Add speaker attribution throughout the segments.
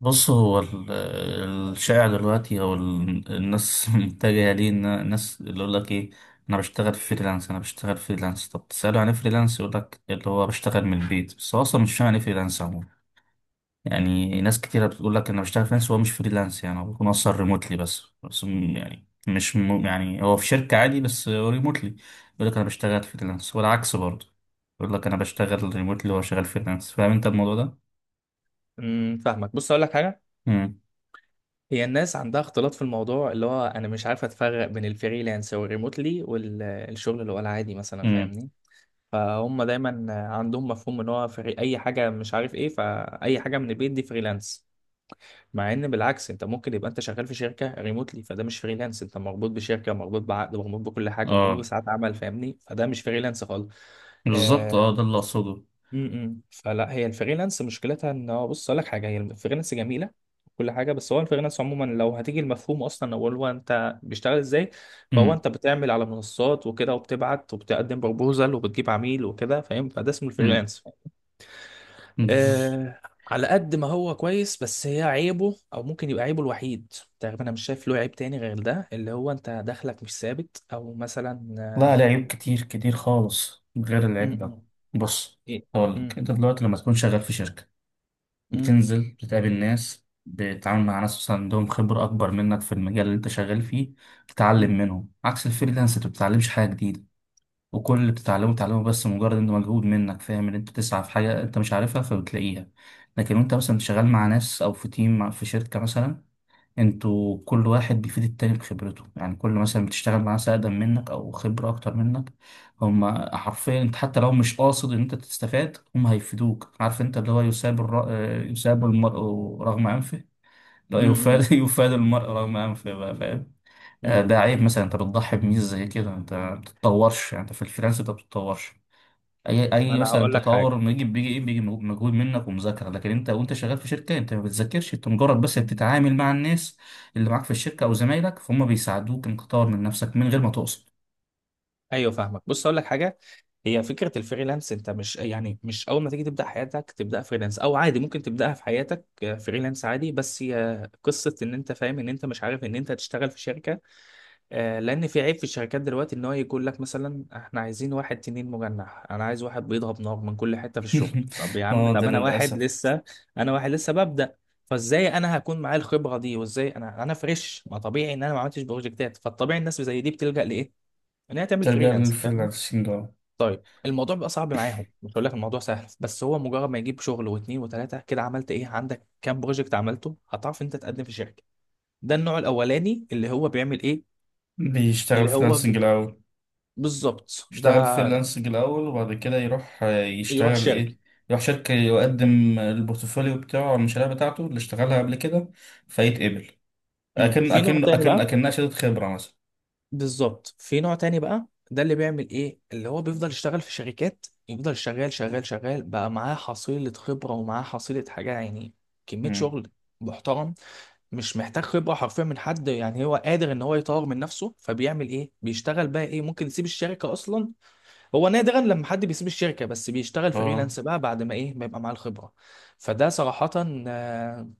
Speaker 1: بص، هو الشائع دلوقتي، او الناس متجهه ليه، ان الناس اللي يقول لك ايه، انا بشتغل فريلانس انا بشتغل فريلانس. طب تساله عن إيه فريلانس، يقول لك اللي هو بشتغل من البيت، بس هو اصلا مش فاهم يعني ايه فريلانس عموما. يعني ناس كتيره بتقول لك انا بشتغل فريلانس وهو مش فريلانس. يعني هو بيكون اصلا ريموتلي، بس بس م- يعني مش م- يعني هو في شركه عادي بس هو ريموتلي. يقول لك انا بشتغل فريلانس والعكس برضه، يقول لك انا بشتغل ريموتلي وهو شغال فريلانس. فاهم انت الموضوع ده؟
Speaker 2: فاهمك، بص اقول لك حاجه.
Speaker 1: امم
Speaker 2: هي الناس عندها اختلاط في الموضوع اللي هو انا مش عارف اتفرق بين الفريلانس والريموتلي والشغل اللي هو العادي مثلا،
Speaker 1: امم
Speaker 2: فاهمني؟ فهم دايما عندهم مفهوم ان هو فري اي حاجه، مش عارف ايه، فاي حاجه من البيت دي فريلانس. مع ان بالعكس، انت ممكن يبقى انت شغال في شركه ريموتلي، فده مش فريلانس. انت مربوط بشركه، مربوط بعقد، مربوط بكل حاجه، مربوط
Speaker 1: اه
Speaker 2: بساعات عمل، فاهمني؟ فده مش فريلانس خالص.
Speaker 1: بالظبط.
Speaker 2: آه،
Speaker 1: اه، ده اللي اقصده.
Speaker 2: فلا، هي الفريلانس مشكلتها ان هو، بص اقول لك حاجه، هي الفريلانس جميله كل حاجه، بس هو الفريلانس عموما لو هتيجي المفهوم اصلا، اول هو انت بيشتغل ازاي؟ فهو
Speaker 1: امم
Speaker 2: انت بتعمل على منصات وكده، وبتبعت وبتقدم بروبوزل وبتجيب عميل وكده، فاهم؟ فده اسمه
Speaker 1: امم
Speaker 2: الفريلانس.
Speaker 1: بز-
Speaker 2: آه على قد ما هو كويس، بس هي عيبه، او ممكن يبقى عيبه الوحيد تقريبا، انا مش شايف له عيب تاني غير ده، اللي هو انت دخلك مش ثابت، او مثلا
Speaker 1: لا عليه عيوب كتير كتير خالص غير
Speaker 2: م-
Speaker 1: العيب ده.
Speaker 2: م-
Speaker 1: بص
Speaker 2: إيه؟
Speaker 1: هقول
Speaker 2: م-
Speaker 1: لك، انت دلوقتي لما تكون شغال في شركه
Speaker 2: م-
Speaker 1: بتنزل، بتقابل ناس، بتتعامل مع ناس مثلا عندهم خبره اكبر منك في المجال اللي انت شغال فيه،
Speaker 2: م-
Speaker 1: تتعلم منهم. عكس الفريلانس، انت ما بتتعلمش حاجه جديده، وكل اللي بتتعلمه بتتعلمه بس مجرد انه مجهود منك، فاهم، ان انت تسعى في حاجه انت مش عارفها فبتلاقيها. لكن وانت مثلا شغال مع ناس او في تيم، في شركه مثلا، انتوا كل واحد بيفيد التاني بخبرته. يعني، كل مثلا بتشتغل مع ناس اقدم منك او خبرة اكتر منك، هما حرفيا انت حتى لو مش قاصد ان انت تستفاد هما هيفيدوك. عارف انت اللي هو يساب الر... آه، يساب المرء رغم انفه. لا
Speaker 2: م-
Speaker 1: يفاد يفاد المرء رغم انفه بقى، فاهم؟
Speaker 2: م-
Speaker 1: ده عيب، مثلا انت بتضحي بميزة زي كده. انت ما بتتطورش، يعني انت في الفريلانس انت ما بتتطورش. اي
Speaker 2: ما
Speaker 1: اي
Speaker 2: انا
Speaker 1: مثلا،
Speaker 2: هقول لك
Speaker 1: تطور
Speaker 2: حاجه.
Speaker 1: ما يجي بيجي ايه؟ بيجي مجهود منك ومذاكره. لكن انت وانت شغال في شركه انت ما بتذاكرش، انت مجرد بس بتتعامل مع الناس اللي معاك في الشركه او زمايلك، فهم بيساعدوك انك تطور من نفسك من غير ما تقصد.
Speaker 2: ايوه فاهمك، بص هقول لك حاجه. هي فكره الفريلانس، انت مش يعني مش اول ما تيجي تبدا حياتك تبدا فريلانس، او عادي ممكن تبداها في حياتك فريلانس عادي، بس هي قصه ان انت فاهم ان انت مش عارف ان انت هتشتغل في شركه. لان في عيب في الشركات دلوقتي ان هو يقول لك مثلا احنا عايزين واحد تنين مجنح، انا عايز واحد بيضرب نار من كل حته في الشغل. طب يا عم،
Speaker 1: اه، ده
Speaker 2: طب انا واحد
Speaker 1: للأسف.
Speaker 2: لسه، انا واحد لسه ببدا. فازاي انا هكون معايا الخبره دي؟ وازاي انا فريش؟ ما طبيعي ان انا ما عملتش بروجكتات. فالطبيعي الناس زي دي بتلجأ لايه؟ ان هي تعمل
Speaker 1: ترجع
Speaker 2: فريلانس، فاهمني؟
Speaker 1: للفريلانسنج، اه.
Speaker 2: طيب الموضوع بيبقى صعب معاهم، مش هقول لك الموضوع سهل، بس هو مجرد ما يجيب شغل واتنين وتلاته كده، عملت ايه؟ عندك كام بروجكت عملته؟ هتعرف انت تقدم في شركه. ده النوع الاولاني، اللي هو بيعمل ايه؟
Speaker 1: بيشتغل
Speaker 2: اللي هو
Speaker 1: فريلانسنج
Speaker 2: ب-
Speaker 1: الأول،
Speaker 2: بالظبط، ده
Speaker 1: يشتغل فريلانسنج الأول وبعد كده يروح
Speaker 2: يروح
Speaker 1: يشتغل
Speaker 2: شركه.
Speaker 1: إيه؟ يروح شركة، يقدم البورتفوليو بتاعه أو المشاريع بتاعته اللي اشتغلها قبل كده، فيتقبل.
Speaker 2: امم،
Speaker 1: أكن
Speaker 2: في نوع
Speaker 1: أكن
Speaker 2: تاني
Speaker 1: أكن
Speaker 2: بقى.
Speaker 1: أكنها شهادة خبرة مثلا.
Speaker 2: بالظبط، في نوع تاني بقى. ده اللي بيعمل ايه، اللي هو بيفضل يشتغل في شركات، يفضل شغال شغال شغال بقى معاه حصيلة خبرة ومعاه حصيلة حاجة يعني، كمية
Speaker 1: مم.
Speaker 2: شغل محترم، مش محتاج خبرة حرفيا من حد، يعني هو قادر ان هو يطور من نفسه. فبيعمل ايه، بيشتغل بقى ايه، ممكن يسيب الشركة اصلا. هو نادرا لما حد بيسيب الشركة، بس بيشتغل
Speaker 1: اه.
Speaker 2: فريلانس بقى بعد ما ايه، ما يبقى معاه الخبرة. فده صراحة آه،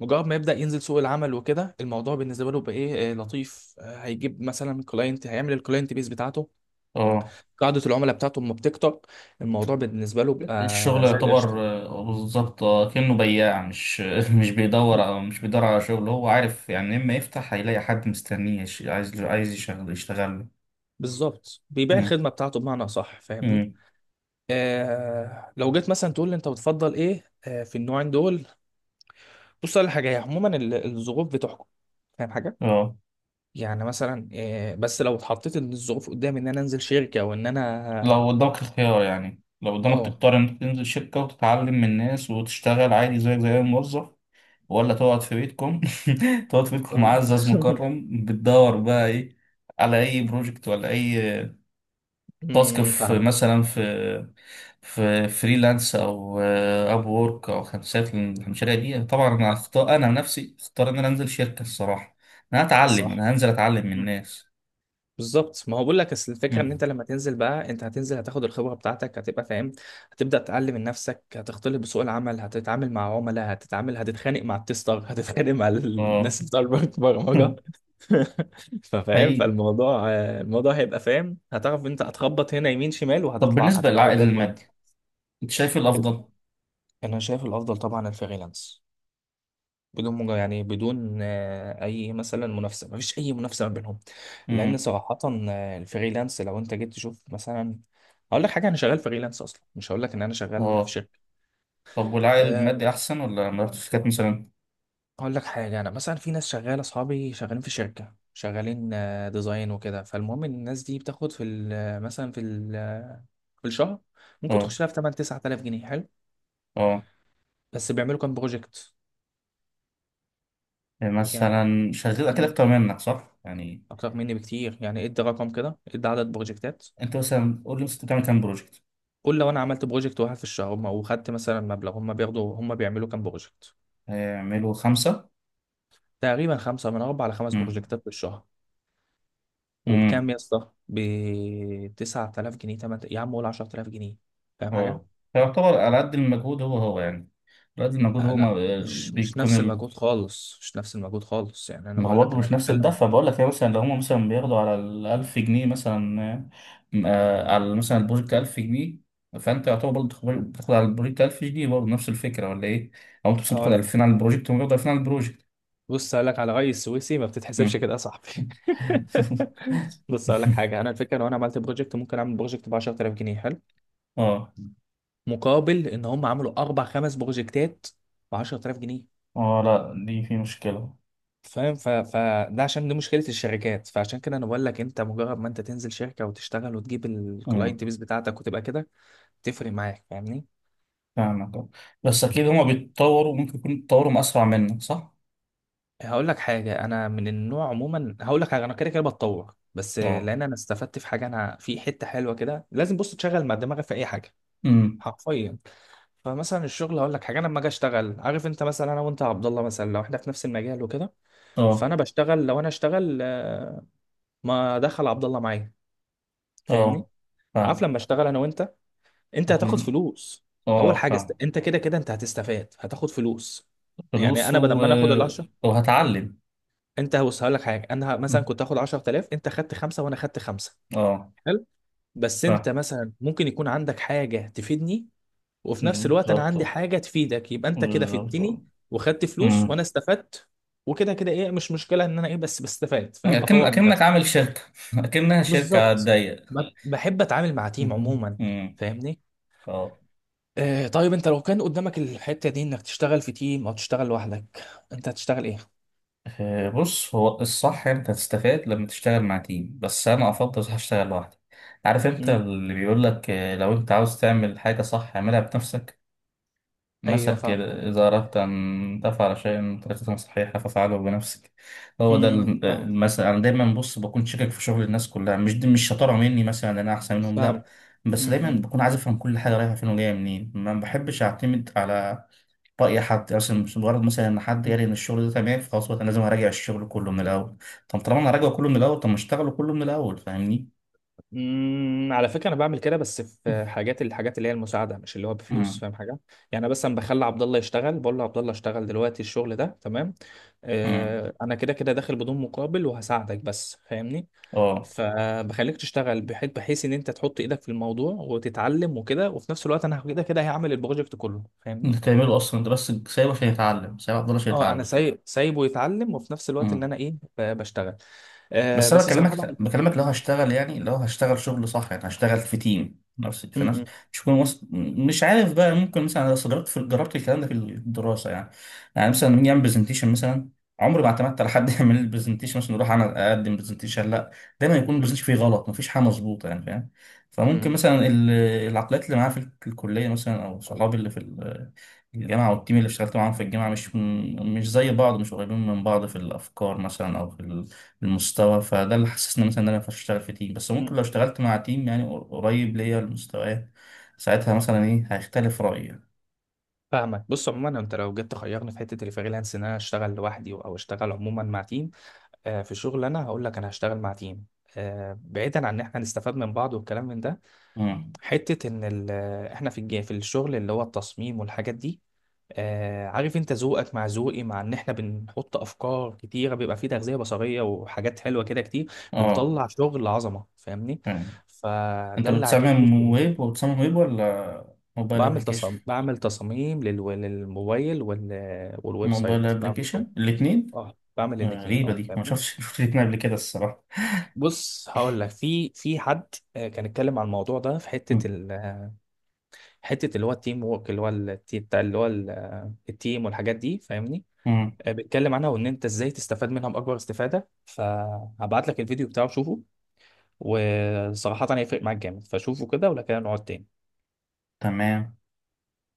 Speaker 2: مجرد ما يبدأ ينزل سوق العمل وكده، الموضوع بالنسبة له بقى ايه؟ لطيف. هيجيب مثلا كلاينت، هيعمل الكلاينت بيس بتاعته،
Speaker 1: اه،
Speaker 2: قاعدة العملاء بتاعته لما بتكتر الموضوع بالنسبة له بقى
Speaker 1: الشغل
Speaker 2: زي
Speaker 1: يعتبر.
Speaker 2: القشطة.
Speaker 1: بالظبط. كأنه بياع مش مش
Speaker 2: ب-
Speaker 1: بيدور، او مش بيدور على شغل. هو عارف يعني، اما يفتح هيلاقي حد مستنيه عايز يشتغل له.
Speaker 2: بالظبط، بيبيع
Speaker 1: مم.
Speaker 2: الخدمة بتاعته، بمعنى صح، فاهمني؟
Speaker 1: مم.
Speaker 2: آه لو جيت مثلا تقول لي انت بتفضل ايه في النوعين دول، بص على حاجه، هي عموما الظروف بتحكم، فاهم حاجه؟
Speaker 1: اه،
Speaker 2: يعني مثلا بس لو اتحطيت ان الظروف قدامي ان انا انزل شركه وان انا،
Speaker 1: لو قدامك الخيار، يعني لو قدامك
Speaker 2: اه.
Speaker 1: تختار انك تنزل شركة وتتعلم من الناس وتشتغل عادي زيك زي أي موظف، ولا تقعد في بيتكم، تقعد في بيتكم
Speaker 2: آه.
Speaker 1: معزز مكرم، بتدور بقى ايه؟ على اي بروجكت ولا اي تاسك،
Speaker 2: أمم،
Speaker 1: في
Speaker 2: فاهمك.
Speaker 1: مثلا، في فريلانس او اب وورك او خمسات، من المشاريع دي؟ طبعا انا هختار، انا نفسي اختار ان انا انزل شركه الصراحه. انا هتعلم،
Speaker 2: صح.
Speaker 1: انا هنزل اتعلم من
Speaker 2: مم.
Speaker 1: الناس.
Speaker 2: بالظبط، ما هو بقول لك اصل الفكره ان انت
Speaker 1: مم.
Speaker 2: لما تنزل بقى، انت هتنزل هتاخد الخبره بتاعتك، هتبقى فاهم، هتبدا تتعلم من نفسك، هتختلط بسوق العمل، هتتعامل مع عملاء، هتتعامل هتتخانق مع التستر، هتتخانق مع
Speaker 1: اه.
Speaker 2: الناس بتاع البرمجه. ففاهم،
Speaker 1: حقيقي.
Speaker 2: فالموضوع الموضوع هيبقى فاهم، هتعرف انت هتخبط هنا يمين شمال
Speaker 1: طب
Speaker 2: وهتطلع
Speaker 1: بالنسبه
Speaker 2: هتبقى
Speaker 1: للعائد
Speaker 2: زي الفل.
Speaker 1: المادي، انت شايف إيه
Speaker 2: ال-
Speaker 1: الافضل؟
Speaker 2: انا شايف الافضل طبعا الفريلانس، بدون يعني بدون اي مثلا منافسه، مفيش اي منافسه ما بينهم، لان
Speaker 1: امم.
Speaker 2: صراحه الفريلانس لو انت جيت تشوف مثلا، هقول لك حاجه انا شغال فريلانس اصلا، مش هقول لك ان انا شغال في
Speaker 1: اه.
Speaker 2: شركه.
Speaker 1: طب والعائد المادي
Speaker 2: آه،
Speaker 1: احسن ولا مرات الشركات مثلا؟
Speaker 2: اقول لك حاجه، انا مثلا في ناس شغاله، اصحابي شغالين في شركه، شغالين ديزاين وكده. فالمهم ان الناس دي بتاخد في مثلا في في الشهر ممكن
Speaker 1: اه.
Speaker 2: تخش لها في 8 9000 جنيه، حلو.
Speaker 1: اه.
Speaker 2: بس بيعملوا كام بروجكت
Speaker 1: يعني
Speaker 2: يعني؟
Speaker 1: مثلا شغال اكيد
Speaker 2: مم،
Speaker 1: اكتر منك، صح يعني؟
Speaker 2: اكتر مني بكتير يعني، ادي رقم كده، ادي عدد بروجكتات.
Speaker 1: انت مثلا قول لي مثلاً، انت بتعمل كام بروجكت؟
Speaker 2: قول لو انا عملت بروجكت واحد في الشهر وخدت مثلا مبلغ، هم بياخدوا، هم بيعملوا كام بروجكت؟
Speaker 1: هيعملوا خمسه.
Speaker 2: تقريبا خمسه، من اربع لخمس بروجكتات في الشهر. وبكام
Speaker 1: امم.
Speaker 2: يا اسطى؟ ب 9000 جنيه، 8، يا عم قول 10000 جنيه، فاهم حاجه؟
Speaker 1: اه. فيعتبر على قد المجهود هو يعني، على قد المجهود
Speaker 2: آه
Speaker 1: هو.
Speaker 2: لا،
Speaker 1: ما
Speaker 2: مش
Speaker 1: بيكون
Speaker 2: نفس
Speaker 1: ال...
Speaker 2: المجهود خالص، مش نفس المجهود خالص يعني. انا
Speaker 1: ما هو
Speaker 2: بقول لك،
Speaker 1: برضه
Speaker 2: انا
Speaker 1: مش نفس
Speaker 2: بتكلم،
Speaker 1: الدفع بقول لك. هي مثلا لو هم مثلا بياخدوا على ال 1000 جنيه مثلا، على مثلا البروجكت 1000 جنيه، فانت يعتبر برضه بتاخد على البروجكت 1000 جنيه برضه، نفس الفكره ولا ايه؟ او انت مثلا بتاخد
Speaker 2: هقول لك
Speaker 1: 2000 على البروجكت وهم بياخدوا 2000 على البروجكت.
Speaker 2: بص، هقول لك على رأيي السويسي ما بتتحسبش
Speaker 1: مم.
Speaker 2: كده يا صاحبي. بص هقول لك حاجه، انا الفكره لو انا عملت بروجكت، ممكن اعمل بروجكت ب 10000 جنيه، حلو،
Speaker 1: اه.
Speaker 2: مقابل ان هم عملوا اربع خمس بروجكتات ب 10000 جنيه،
Speaker 1: اه، لا، دي في مشكله.
Speaker 2: فاهم فده عشان دي مشكله الشركات. فعشان كده انا بقول لك انت مجرد ما انت تنزل شركه وتشتغل وتجيب
Speaker 1: امم،
Speaker 2: الكلاينت بيس بتاعتك وتبقى كده، تفرق معاك، فاهمني؟
Speaker 1: فاهمك. آه. بس اكيد هما بيتطوروا، ممكن يكونوا بيتطوروا اسرع منك، صح؟
Speaker 2: هقول لك حاجة، أنا من النوع عموما، هقول لك حاجة، أنا كده كده بتطور، بس
Speaker 1: اه.
Speaker 2: لأن أنا استفدت في حاجة، أنا في حتة حلوة كده، لازم بص تشغل مع دماغك في أي حاجة
Speaker 1: امم.
Speaker 2: حرفيا. فمثلا الشغل، هقول لك حاجة، أنا لما أجي أشتغل، عارف أنت مثلا، أنا وأنت يا عبد الله مثلا لو إحنا في نفس المجال وكده،
Speaker 1: اه.
Speaker 2: فأنا بشتغل، لو أنا أشتغل، ما أدخل عبد الله معايا، فاهمني؟
Speaker 1: اه،
Speaker 2: عارف
Speaker 1: فاهم.
Speaker 2: لما أشتغل أنا وأنت، أنت هتاخد
Speaker 1: احنا.
Speaker 2: فلوس، أول
Speaker 1: اه،
Speaker 2: حاجة
Speaker 1: فاهم.
Speaker 2: أنت كده كده أنت هتستفاد، هتاخد فلوس. يعني
Speaker 1: فلوس
Speaker 2: أنا بدل
Speaker 1: و...
Speaker 2: ما أنا آخد ال،
Speaker 1: وهتعلم.
Speaker 2: انت بص هقول لك حاجه، انا مثلا كنت هاخد 10000، انت خدت خمسه وانا خدت خمسه،
Speaker 1: اه،
Speaker 2: حلو. بس انت
Speaker 1: فاهم.
Speaker 2: مثلا ممكن يكون عندك حاجه تفيدني، وفي نفس الوقت انا
Speaker 1: بالظبط،
Speaker 2: عندي
Speaker 1: آه.
Speaker 2: حاجه تفيدك، يبقى انت كده
Speaker 1: بالظبط،
Speaker 2: فدتني
Speaker 1: آه.
Speaker 2: وخدت فلوس، وانا
Speaker 1: أمم.
Speaker 2: استفدت وكده كده، ايه مش مشكله ان انا ايه بس بستفاد، فاهم؟
Speaker 1: أكن
Speaker 2: بطور من
Speaker 1: أكنك
Speaker 2: نفسي.
Speaker 1: عامل شركة، أكنها شركة على
Speaker 2: بالظبط.
Speaker 1: الضيق.
Speaker 2: بحب اتعامل مع تيم
Speaker 1: مهم.
Speaker 2: عموما،
Speaker 1: أمم.
Speaker 2: فاهمني؟
Speaker 1: اه.
Speaker 2: آه طيب انت لو كان قدامك الحته دي انك تشتغل في تيم او تشتغل لوحدك، انت هتشتغل ايه؟
Speaker 1: بص، هو الصح أنت تستفاد لما تشتغل مع تيم، بس أنا أفضل أروح أشتغل لوحدي. عارف أنت
Speaker 2: امم.
Speaker 1: اللي بيقول لك، لو أنت عاوز تعمل حاجة صح اعملها بنفسك.
Speaker 2: ايوه
Speaker 1: مثل
Speaker 2: فاهمك.
Speaker 1: كده، إذا أردت أن تفعل شيئا بطريقة صحيحة فافعله بنفسك. هو ده
Speaker 2: امم. فاهم.
Speaker 1: المثل أنا دايما بص بكون شاكك في شغل الناس كلها، مش دي مش شطارة مني مثلا إن أنا أحسن منهم، لأ.
Speaker 2: فاهم.
Speaker 1: بس دايما
Speaker 2: امم.
Speaker 1: بكون عايز أفهم كل حاجة رايحة فين وجاية منين، ما بحبش أعتمد على رأي حد مثلا، مش مجرد مثلا إن حد قال إن الشغل ده تمام فخلاص. بقى أنا لازم أراجع الشغل كله من الأول، طب طالما أنا راجعه كله من الأول، طب ما أشتغله كله من الأول، فاهمني؟
Speaker 2: على فكره انا بعمل كده، بس في حاجات، الحاجات اللي هي المساعده، مش اللي هو بفلوس،
Speaker 1: أمم.
Speaker 2: فاهم حاجه؟ يعني أنا مثلا بخلي عبد الله يشتغل، بقول له عبد الله اشتغل دلوقتي الشغل ده تمام،
Speaker 1: أمم.
Speaker 2: انا كده كده داخل بدون مقابل وهساعدك بس، فاهمني؟
Speaker 1: أه.
Speaker 2: فبخليك تشتغل، بحيث ان انت تحط ايدك في الموضوع وتتعلم وكده، وفي نفس الوقت انا كده كده هعمل البروجكت كله، فاهمني؟
Speaker 1: أنت تعمله أصلا، أنت بس سايبه عشان يتعلم، سايبه عبد الله عشان
Speaker 2: اه انا
Speaker 1: يتعلم.
Speaker 2: سايب، سايبه يتعلم، وفي نفس الوقت ان انا ايه، بشتغل.
Speaker 1: بس انا
Speaker 2: بس صراحه
Speaker 1: بكلمك،
Speaker 2: بعمل
Speaker 1: بكلمك لو هشتغل، يعني لو هشتغل شغل صح، يعني هشتغل في تيم، نفس
Speaker 2: م-
Speaker 1: في نفس.
Speaker 2: م-
Speaker 1: مش هكون وسط، مش عارف بقى، ممكن مثلا انا، أصل جربت، جربت الكلام ده في الدراسه يعني. يعني مثلا لما نيجي نعمل برزنتيشن مثلا، عمري ما اعتمدت على حد يعمل لي برزنتيشن. مثلا اروح انا اقدم برزنتيشن، لا، دايما يكون
Speaker 2: م-
Speaker 1: البرزنتيشن فيه غلط، مفيش حاجه مظبوطه يعني، فاهم؟ فممكن
Speaker 2: م-
Speaker 1: مثلا العقليات اللي معايا في الكليه مثلا، او صحابي اللي في الجامعه والتيم اللي اشتغلت معاهم في الجامعه، مش زي بعض، مش قريبين من بعض في الافكار مثلا او في المستوى. فده اللي حسسني مثلا ان انا مينفعش اشتغل في تيم. بس
Speaker 2: م-
Speaker 1: ممكن لو
Speaker 2: م-
Speaker 1: اشتغلت مع تيم يعني قريب ليا المستويات، ساعتها مثلا ايه، هيختلف رأيي.
Speaker 2: فاهمك. بص عموما، انت لو جيت تخيرني في حته الفريلانس، ان انا اشتغل لوحدي او اشتغل عموما مع تيم في شغل، انا هقول لك انا هشتغل مع تيم. بعيدا عن ان احنا نستفاد من بعض والكلام من ده،
Speaker 1: امم.
Speaker 2: حته ان احنا في الشغل اللي هو التصميم والحاجات دي، عارف انت ذوقك مع ذوقي، مع ان احنا بنحط افكار كتيره، بيبقى فيه تغذيه بصريه وحاجات حلوه كده كتير،
Speaker 1: اه،
Speaker 2: بنطلع شغل عظمه، فاهمني؟
Speaker 1: فاهم. انت
Speaker 2: فده اللي عاجبني.
Speaker 1: بتصمم ويب، وبتصمم ويب ولا موبايل
Speaker 2: بعمل
Speaker 1: ابلكيشن؟
Speaker 2: تصاميم، بعمل تصاميم لل- للموبايل والويب
Speaker 1: موبايل
Speaker 2: سايت، بعمل كله.
Speaker 1: ابلكيشن، الاثنين.
Speaker 2: اه بعمل الاثنين،
Speaker 1: غريبة
Speaker 2: اه،
Speaker 1: دي، ما
Speaker 2: فاهمني؟
Speaker 1: شفتش شفت الاثنين قبل كده الصراحة.
Speaker 2: بص هقول لك في حد كان اتكلم عن الموضوع ده في حته
Speaker 1: امم.
Speaker 2: حته اللي هو التيم وورك، اللي هو بتاع اللي هو التيم والحاجات دي، فاهمني؟
Speaker 1: امم.
Speaker 2: بيتكلم عنها وان انت ازاي تستفاد منها باكبر استفاده، فهبعت لك الفيديو بتاعه شوفه. وصراحه هيفرق معاك جامد، فشوفه كده ولا كده نقعد تاني.
Speaker 1: تمام.